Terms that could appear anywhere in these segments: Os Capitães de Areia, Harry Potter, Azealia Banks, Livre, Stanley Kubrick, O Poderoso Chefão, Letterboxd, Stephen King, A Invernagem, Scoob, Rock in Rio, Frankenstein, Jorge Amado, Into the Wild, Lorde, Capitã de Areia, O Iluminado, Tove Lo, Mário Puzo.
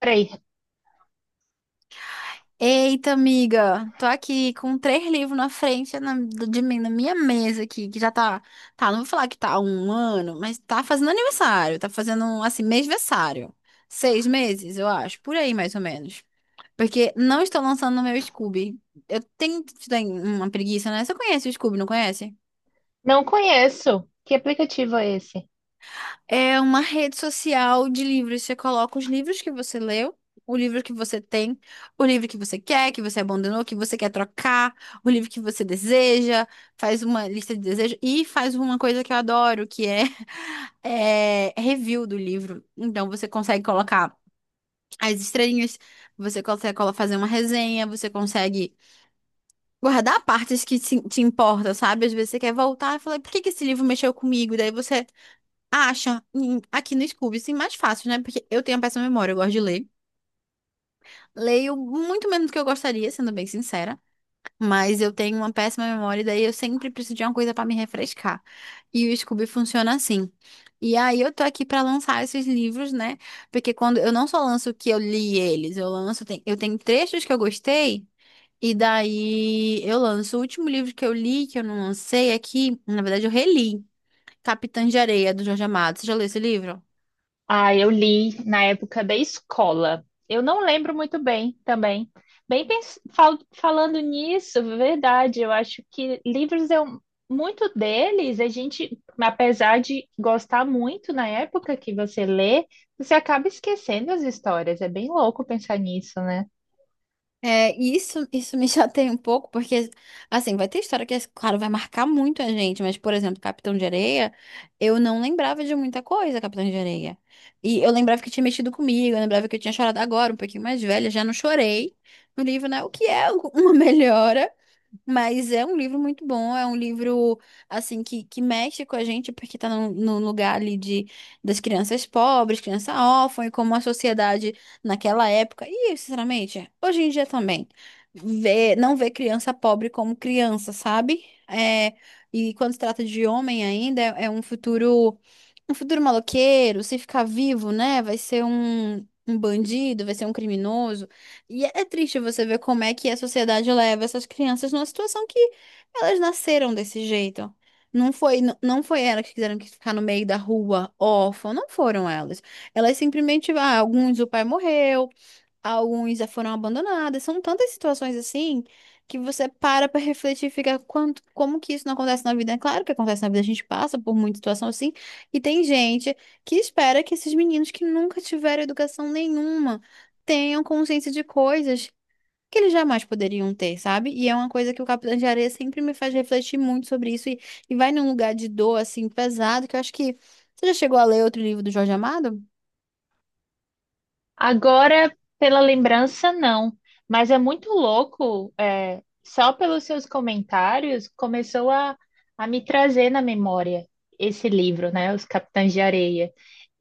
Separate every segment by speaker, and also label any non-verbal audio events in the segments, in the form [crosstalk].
Speaker 1: Peraí,
Speaker 2: Eita, amiga, tô aqui com três livros na frente de mim, na minha mesa aqui, que já tá, não vou falar que tá há 1 ano, mas tá fazendo aniversário, tá fazendo, assim, mêsversário. 6 meses, eu acho, por aí mais ou menos. Porque não estou lançando no meu Scoob. Eu tenho uma preguiça, né? Você conhece o Scoob, não conhece?
Speaker 1: não conheço. Que aplicativo é esse?
Speaker 2: É uma rede social de livros. Você coloca os livros que você leu, o livro que você tem, o livro que você quer, que você abandonou, que você quer trocar, o livro que você deseja, faz uma lista de desejos e faz uma coisa que eu adoro, que é, [laughs] é review do livro. Então você consegue colocar as estrelinhas, você consegue fazer uma resenha, você consegue guardar partes que te importam, sabe? Às vezes você quer voltar e falar, por que que esse livro mexeu comigo? Daí você acha, aqui no Scoob, sim mais fácil, né? Porque eu tenho a péssima memória, eu gosto de ler. Leio muito menos do que eu gostaria, sendo bem sincera. Mas eu tenho uma péssima memória, e daí eu sempre preciso de uma coisa pra me refrescar. E o Scoob funciona assim. E aí eu tô aqui pra lançar esses livros, né? Porque quando eu não só lanço que eu li eles, eu lanço, eu tenho trechos que eu gostei. E daí eu lanço o último livro que eu li, que eu não lancei aqui, na verdade eu reli, Capitã de Areia, do Jorge Amado. Você já leu esse livro?
Speaker 1: Ah, eu li na época da escola. Eu não lembro muito bem também. Bem, falando nisso, verdade, eu acho que livros eu muito deles, a gente, apesar de gostar muito na época que você lê, você acaba esquecendo as histórias. É bem louco pensar nisso, né?
Speaker 2: É, e isso me [laughs] chateia um pouco, porque, assim, vai ter história que, claro, vai marcar muito a gente, mas, por exemplo, Capitão de Areia, eu não lembrava de muita coisa, Capitão de Areia. E eu lembrava que tinha mexido comigo, eu lembrava que eu tinha chorado agora, um pouquinho mais velha, já não chorei no livro, né? O que é [laughs] uma melhora. Mas é um livro muito bom, é um livro assim que mexe com a gente, porque tá num lugar ali de, das crianças pobres, criança órfã, e como a sociedade naquela época, e sinceramente, hoje em dia também, vê, não vê criança pobre como criança, sabe? É, e quando se trata de homem ainda, é um futuro maloqueiro, se ficar vivo, né? Vai ser um bandido, vai ser um criminoso. E é triste você ver como é que a sociedade leva essas crianças numa situação que elas nasceram desse jeito. Não foi, não foi elas que quiseram que ficar no meio da rua, órfã, não foram elas. Elas simplesmente, ah, alguns o pai morreu, alguns já foram abandonados. São tantas situações assim que você para pra refletir e fica quanto, como que isso não acontece na vida? É claro que acontece na vida, a gente passa por muita situação assim. E tem gente que espera que esses meninos que nunca tiveram educação nenhuma tenham consciência de coisas que eles jamais poderiam ter, sabe? E é uma coisa que o Capitão de Areia sempre me faz refletir muito sobre isso e vai num lugar de dor assim pesado que eu acho que você já chegou a ler outro livro do Jorge Amado?
Speaker 1: Agora, pela lembrança, não. Mas é muito louco, é, só pelos seus comentários, começou a me trazer na memória esse livro, né? Os Capitães de Areia.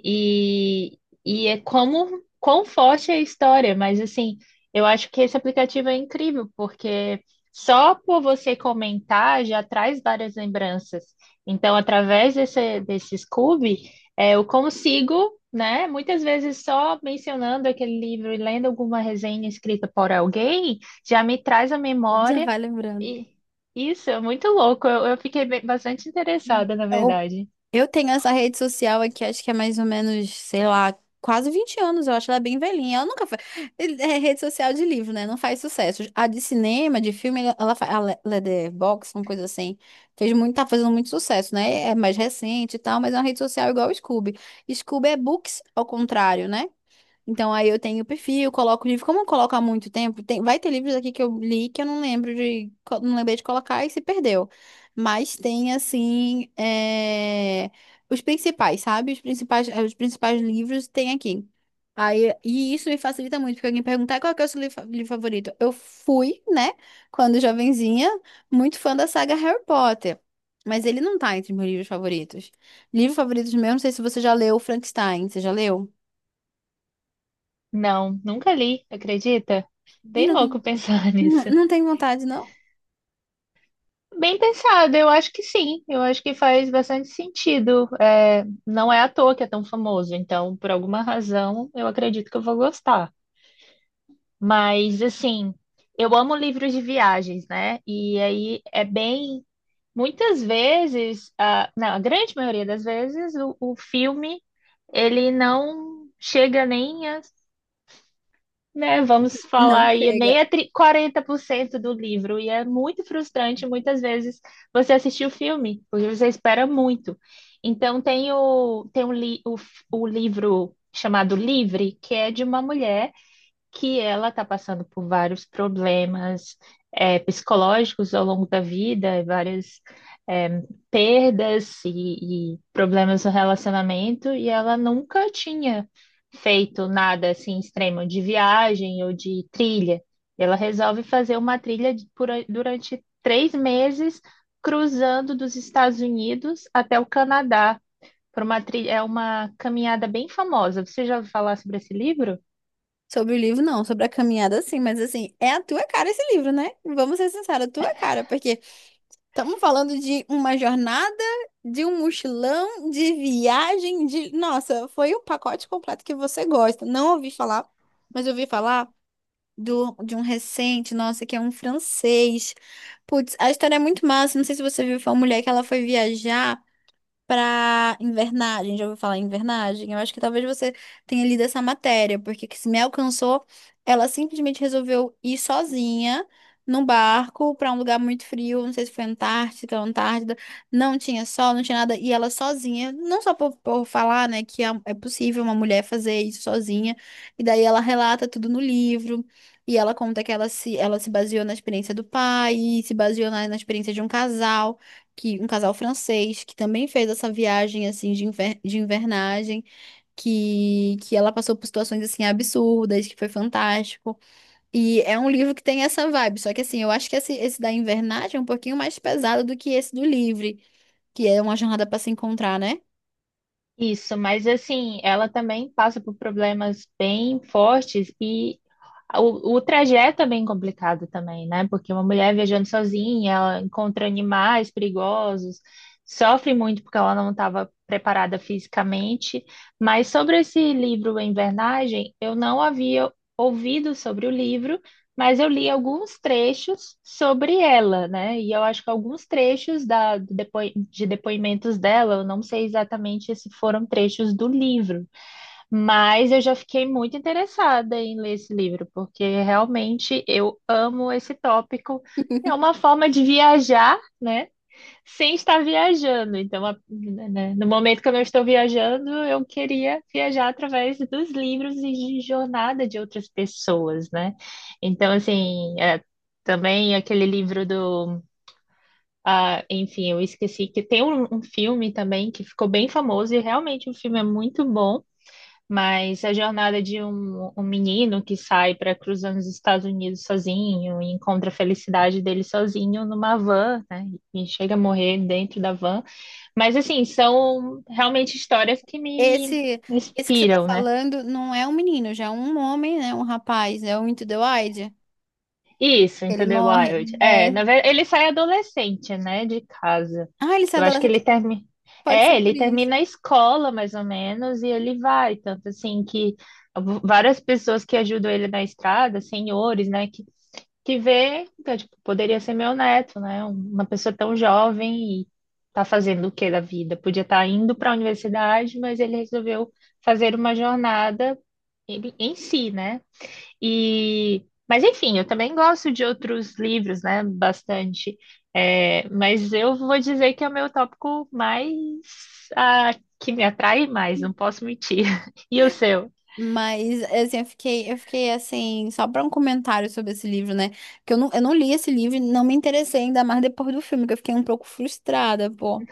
Speaker 1: E, e é como, quão forte é a história, mas assim, eu acho que esse aplicativo é incrível, porque só por você comentar já traz várias lembranças. Então, através desse, desse Scoob. É, eu consigo, né? Muitas vezes só mencionando aquele livro e lendo alguma resenha escrita por alguém já me traz à
Speaker 2: Já
Speaker 1: memória.
Speaker 2: vai lembrando.
Speaker 1: E isso é muito louco. Eu fiquei bastante
Speaker 2: Hum.
Speaker 1: interessada, na verdade.
Speaker 2: Eu tenho essa rede social aqui, acho que é mais ou menos, sei lá, quase 20 anos, eu acho ela bem velhinha. Ela nunca foi. É rede social de livro, né? Não faz sucesso. A de cinema, de filme, ela faz. A Letterboxd, uma coisa assim. Fez muito, tá fazendo muito sucesso, né? É mais recente e tal, mas é uma rede social igual o Scoob. Scoob é books, ao contrário, né? Então aí eu tenho o perfil, coloco o livro. Como eu coloco há muito tempo, tem, vai ter livros aqui que eu li que eu não lembro de, não lembrei de colocar e se perdeu. Mas tem assim, é, os principais, sabe? Os principais, os principais livros tem aqui. Aí, e isso me facilita muito, porque alguém perguntar qual que é o seu livro livro favorito. Eu fui, né, quando jovenzinha, muito fã da saga Harry Potter. Mas ele não tá entre meus livros favoritos. Livro favorito meu, não sei se você já leu Frankenstein. Você já leu?
Speaker 1: Não, nunca li, acredita?
Speaker 2: Ih,
Speaker 1: Bem
Speaker 2: não
Speaker 1: louco
Speaker 2: tem.
Speaker 1: pensar [laughs]
Speaker 2: Não,
Speaker 1: nisso.
Speaker 2: não tem vontade, não?
Speaker 1: Bem pensado, eu acho que sim. Eu acho que faz bastante sentido. É, não é à toa que é tão famoso, então, por alguma razão, eu acredito que eu vou gostar. Mas assim, eu amo livros de viagens, né? E aí é bem, muitas vezes, a, não, a grande maioria das vezes, o filme ele não chega nem a, né? Vamos
Speaker 2: Não
Speaker 1: falar aí,
Speaker 2: chega.
Speaker 1: nem a 40% do livro. E é muito frustrante muitas vezes você assistir o filme, porque você espera muito. Então tem o, tem o, li, o, f- o livro chamado Livre, que é de uma mulher que ela está passando por vários problemas psicológicos ao longo da vida, várias é, perdas e problemas no relacionamento, e ela nunca tinha feito nada assim extremo de viagem ou de trilha. Ela resolve fazer uma trilha durante 3 meses, cruzando dos Estados Unidos até o Canadá. Por uma trilha, é uma caminhada bem famosa. Você já ouviu falar sobre esse livro?
Speaker 2: Sobre o livro, não. Sobre a caminhada, sim. Mas, assim, é a tua cara esse livro, né? Vamos ser sinceros, a tua cara. Porque estamos falando de uma jornada, de um mochilão, de viagem, de... Nossa, foi o pacote completo que você gosta. Não ouvi falar, mas ouvi falar do, de um recente, nossa, que é um francês. Putz, a história é muito massa. Não sei se você viu, foi uma mulher que ela foi viajar para invernagem. Já ouviu falar em invernagem? Eu acho que talvez você tenha lido essa matéria, porque que se me alcançou, ela simplesmente resolveu ir sozinha num barco para um lugar muito frio, não sei se foi Antártica ou Antártida, não tinha sol, não tinha nada, e ela sozinha, não só por falar, né, que é possível uma mulher fazer isso sozinha, e daí ela relata tudo no livro. E ela conta que ela se baseou na experiência do pai, e se baseou na, na experiência de um casal que um casal francês que também fez essa viagem assim de, de invernagem, que ela passou por situações assim absurdas, que foi fantástico. E é um livro que tem essa vibe, só que assim, eu acho que esse da invernagem é um pouquinho mais pesado do que esse do livre, que é uma jornada para se encontrar, né?
Speaker 1: Isso, mas assim, ela também passa por problemas bem fortes e o trajeto é bem complicado também, né? Porque uma mulher viajando sozinha, ela encontra animais perigosos, sofre muito porque ela não estava preparada fisicamente. Mas sobre esse livro *A Invernagem, eu não havia ouvido sobre o livro, mas eu li alguns trechos sobre ela, né? E eu acho que alguns trechos do de depoimentos dela, eu não sei exatamente se foram trechos do livro. Mas eu já fiquei muito interessada em ler esse livro, porque realmente eu amo esse tópico. É uma
Speaker 2: [laughs]
Speaker 1: forma de viajar, né? Sem estar viajando. Então, no momento que eu não estou viajando, eu queria viajar através dos livros e de jornada de outras pessoas, né? Então, assim, é, também aquele livro do. Ah, enfim, eu esqueci que tem um filme também que ficou bem famoso e realmente o filme é muito bom. Mas a jornada de um menino que sai para cruzar nos Estados Unidos sozinho e encontra a felicidade dele sozinho numa van, né? E chega a morrer dentro da van. Mas, assim, são realmente histórias que me
Speaker 2: Esse esse que você tá
Speaker 1: inspiram, né?
Speaker 2: falando não é um menino, já é um homem, né, um rapaz, é o Into the Wild.
Speaker 1: Isso,
Speaker 2: Ele
Speaker 1: Into the
Speaker 2: morre,
Speaker 1: Wild.
Speaker 2: ele
Speaker 1: É, na
Speaker 2: é.
Speaker 1: verdade, ele sai adolescente, né, de casa.
Speaker 2: Ah, ele é
Speaker 1: Eu acho que ele
Speaker 2: adolescente.
Speaker 1: termina.
Speaker 2: Pode ser
Speaker 1: É,
Speaker 2: por
Speaker 1: ele
Speaker 2: isso.
Speaker 1: termina a escola, mais ou menos, e ele vai. Tanto assim que várias pessoas que ajudam ele na estrada, senhores, né, que vê, então, tipo, poderia ser meu neto, né? Uma pessoa tão jovem e tá fazendo o que da vida? Podia estar indo para a universidade, mas ele resolveu fazer uma jornada em si, né? E, mas enfim, eu também gosto de outros livros, né? Bastante. É, mas eu vou dizer que é o meu tópico mais ah, que me atrai mais, não posso mentir. [laughs] E o seu?
Speaker 2: Mas, assim, eu fiquei assim, só para um comentário sobre esse livro, né? Que eu não li esse livro e não me interessei ainda mais depois do filme, que eu fiquei um pouco frustrada, pô.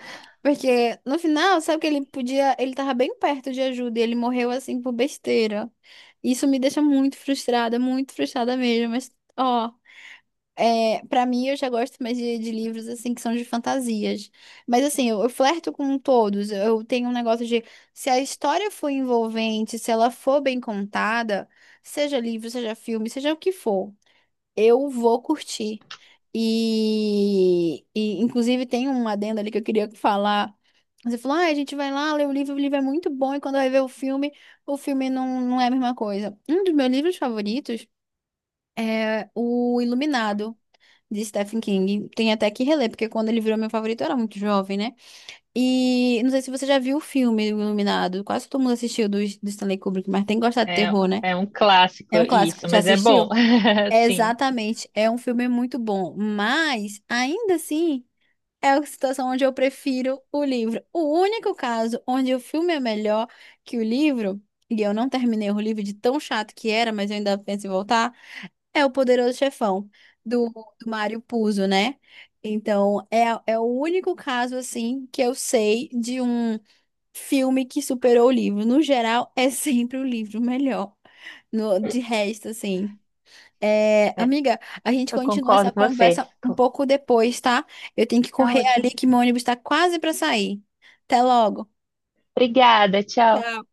Speaker 2: Porque no final, sabe que ele podia, ele tava bem perto de ajuda e ele morreu assim por besteira. Isso me deixa muito frustrada mesmo. Mas, ó. É, para mim, eu já gosto mais de livros assim que são de fantasias. Mas assim, eu flerto com todos. Eu tenho um negócio de se a história for envolvente, se ela for bem contada, seja livro, seja filme, seja o que for, eu vou curtir. E inclusive tem um adendo ali que eu queria falar. Você falou, ah, a gente vai lá ler o livro é muito bom, e quando vai ver o filme não é a mesma coisa. Um dos meus livros favoritos. É o Iluminado, de Stephen King. Tem até que reler, porque quando ele virou meu favorito eu era muito jovem, né? E não sei se você já viu o filme O Iluminado. Quase todo mundo assistiu do Stanley Kubrick, mas tem que gostar de
Speaker 1: É,
Speaker 2: terror, né?
Speaker 1: é um clássico
Speaker 2: É um clássico.
Speaker 1: isso,
Speaker 2: Já
Speaker 1: mas é bom,
Speaker 2: assistiu?
Speaker 1: [laughs]
Speaker 2: É,
Speaker 1: sim.
Speaker 2: exatamente. É um filme muito bom. Mas, ainda assim, é a situação onde eu prefiro o livro. O único caso onde o filme é melhor que o livro, e eu não terminei o livro de tão chato que era, mas eu ainda penso em voltar. É o poderoso chefão do, do Mário Puzo, né? Então, é, é o único caso, assim, que eu sei de um filme que superou o livro. No geral, é [laughs] sempre o livro melhor. No, de resto, assim. É,
Speaker 1: É,
Speaker 2: amiga, a gente
Speaker 1: eu
Speaker 2: continua essa
Speaker 1: concordo com você.
Speaker 2: conversa um pouco depois, tá? Eu tenho que
Speaker 1: Tá
Speaker 2: correr ali
Speaker 1: ótimo.
Speaker 2: que meu ônibus tá quase pra sair. Até logo.
Speaker 1: Obrigada, tchau.
Speaker 2: Tchau.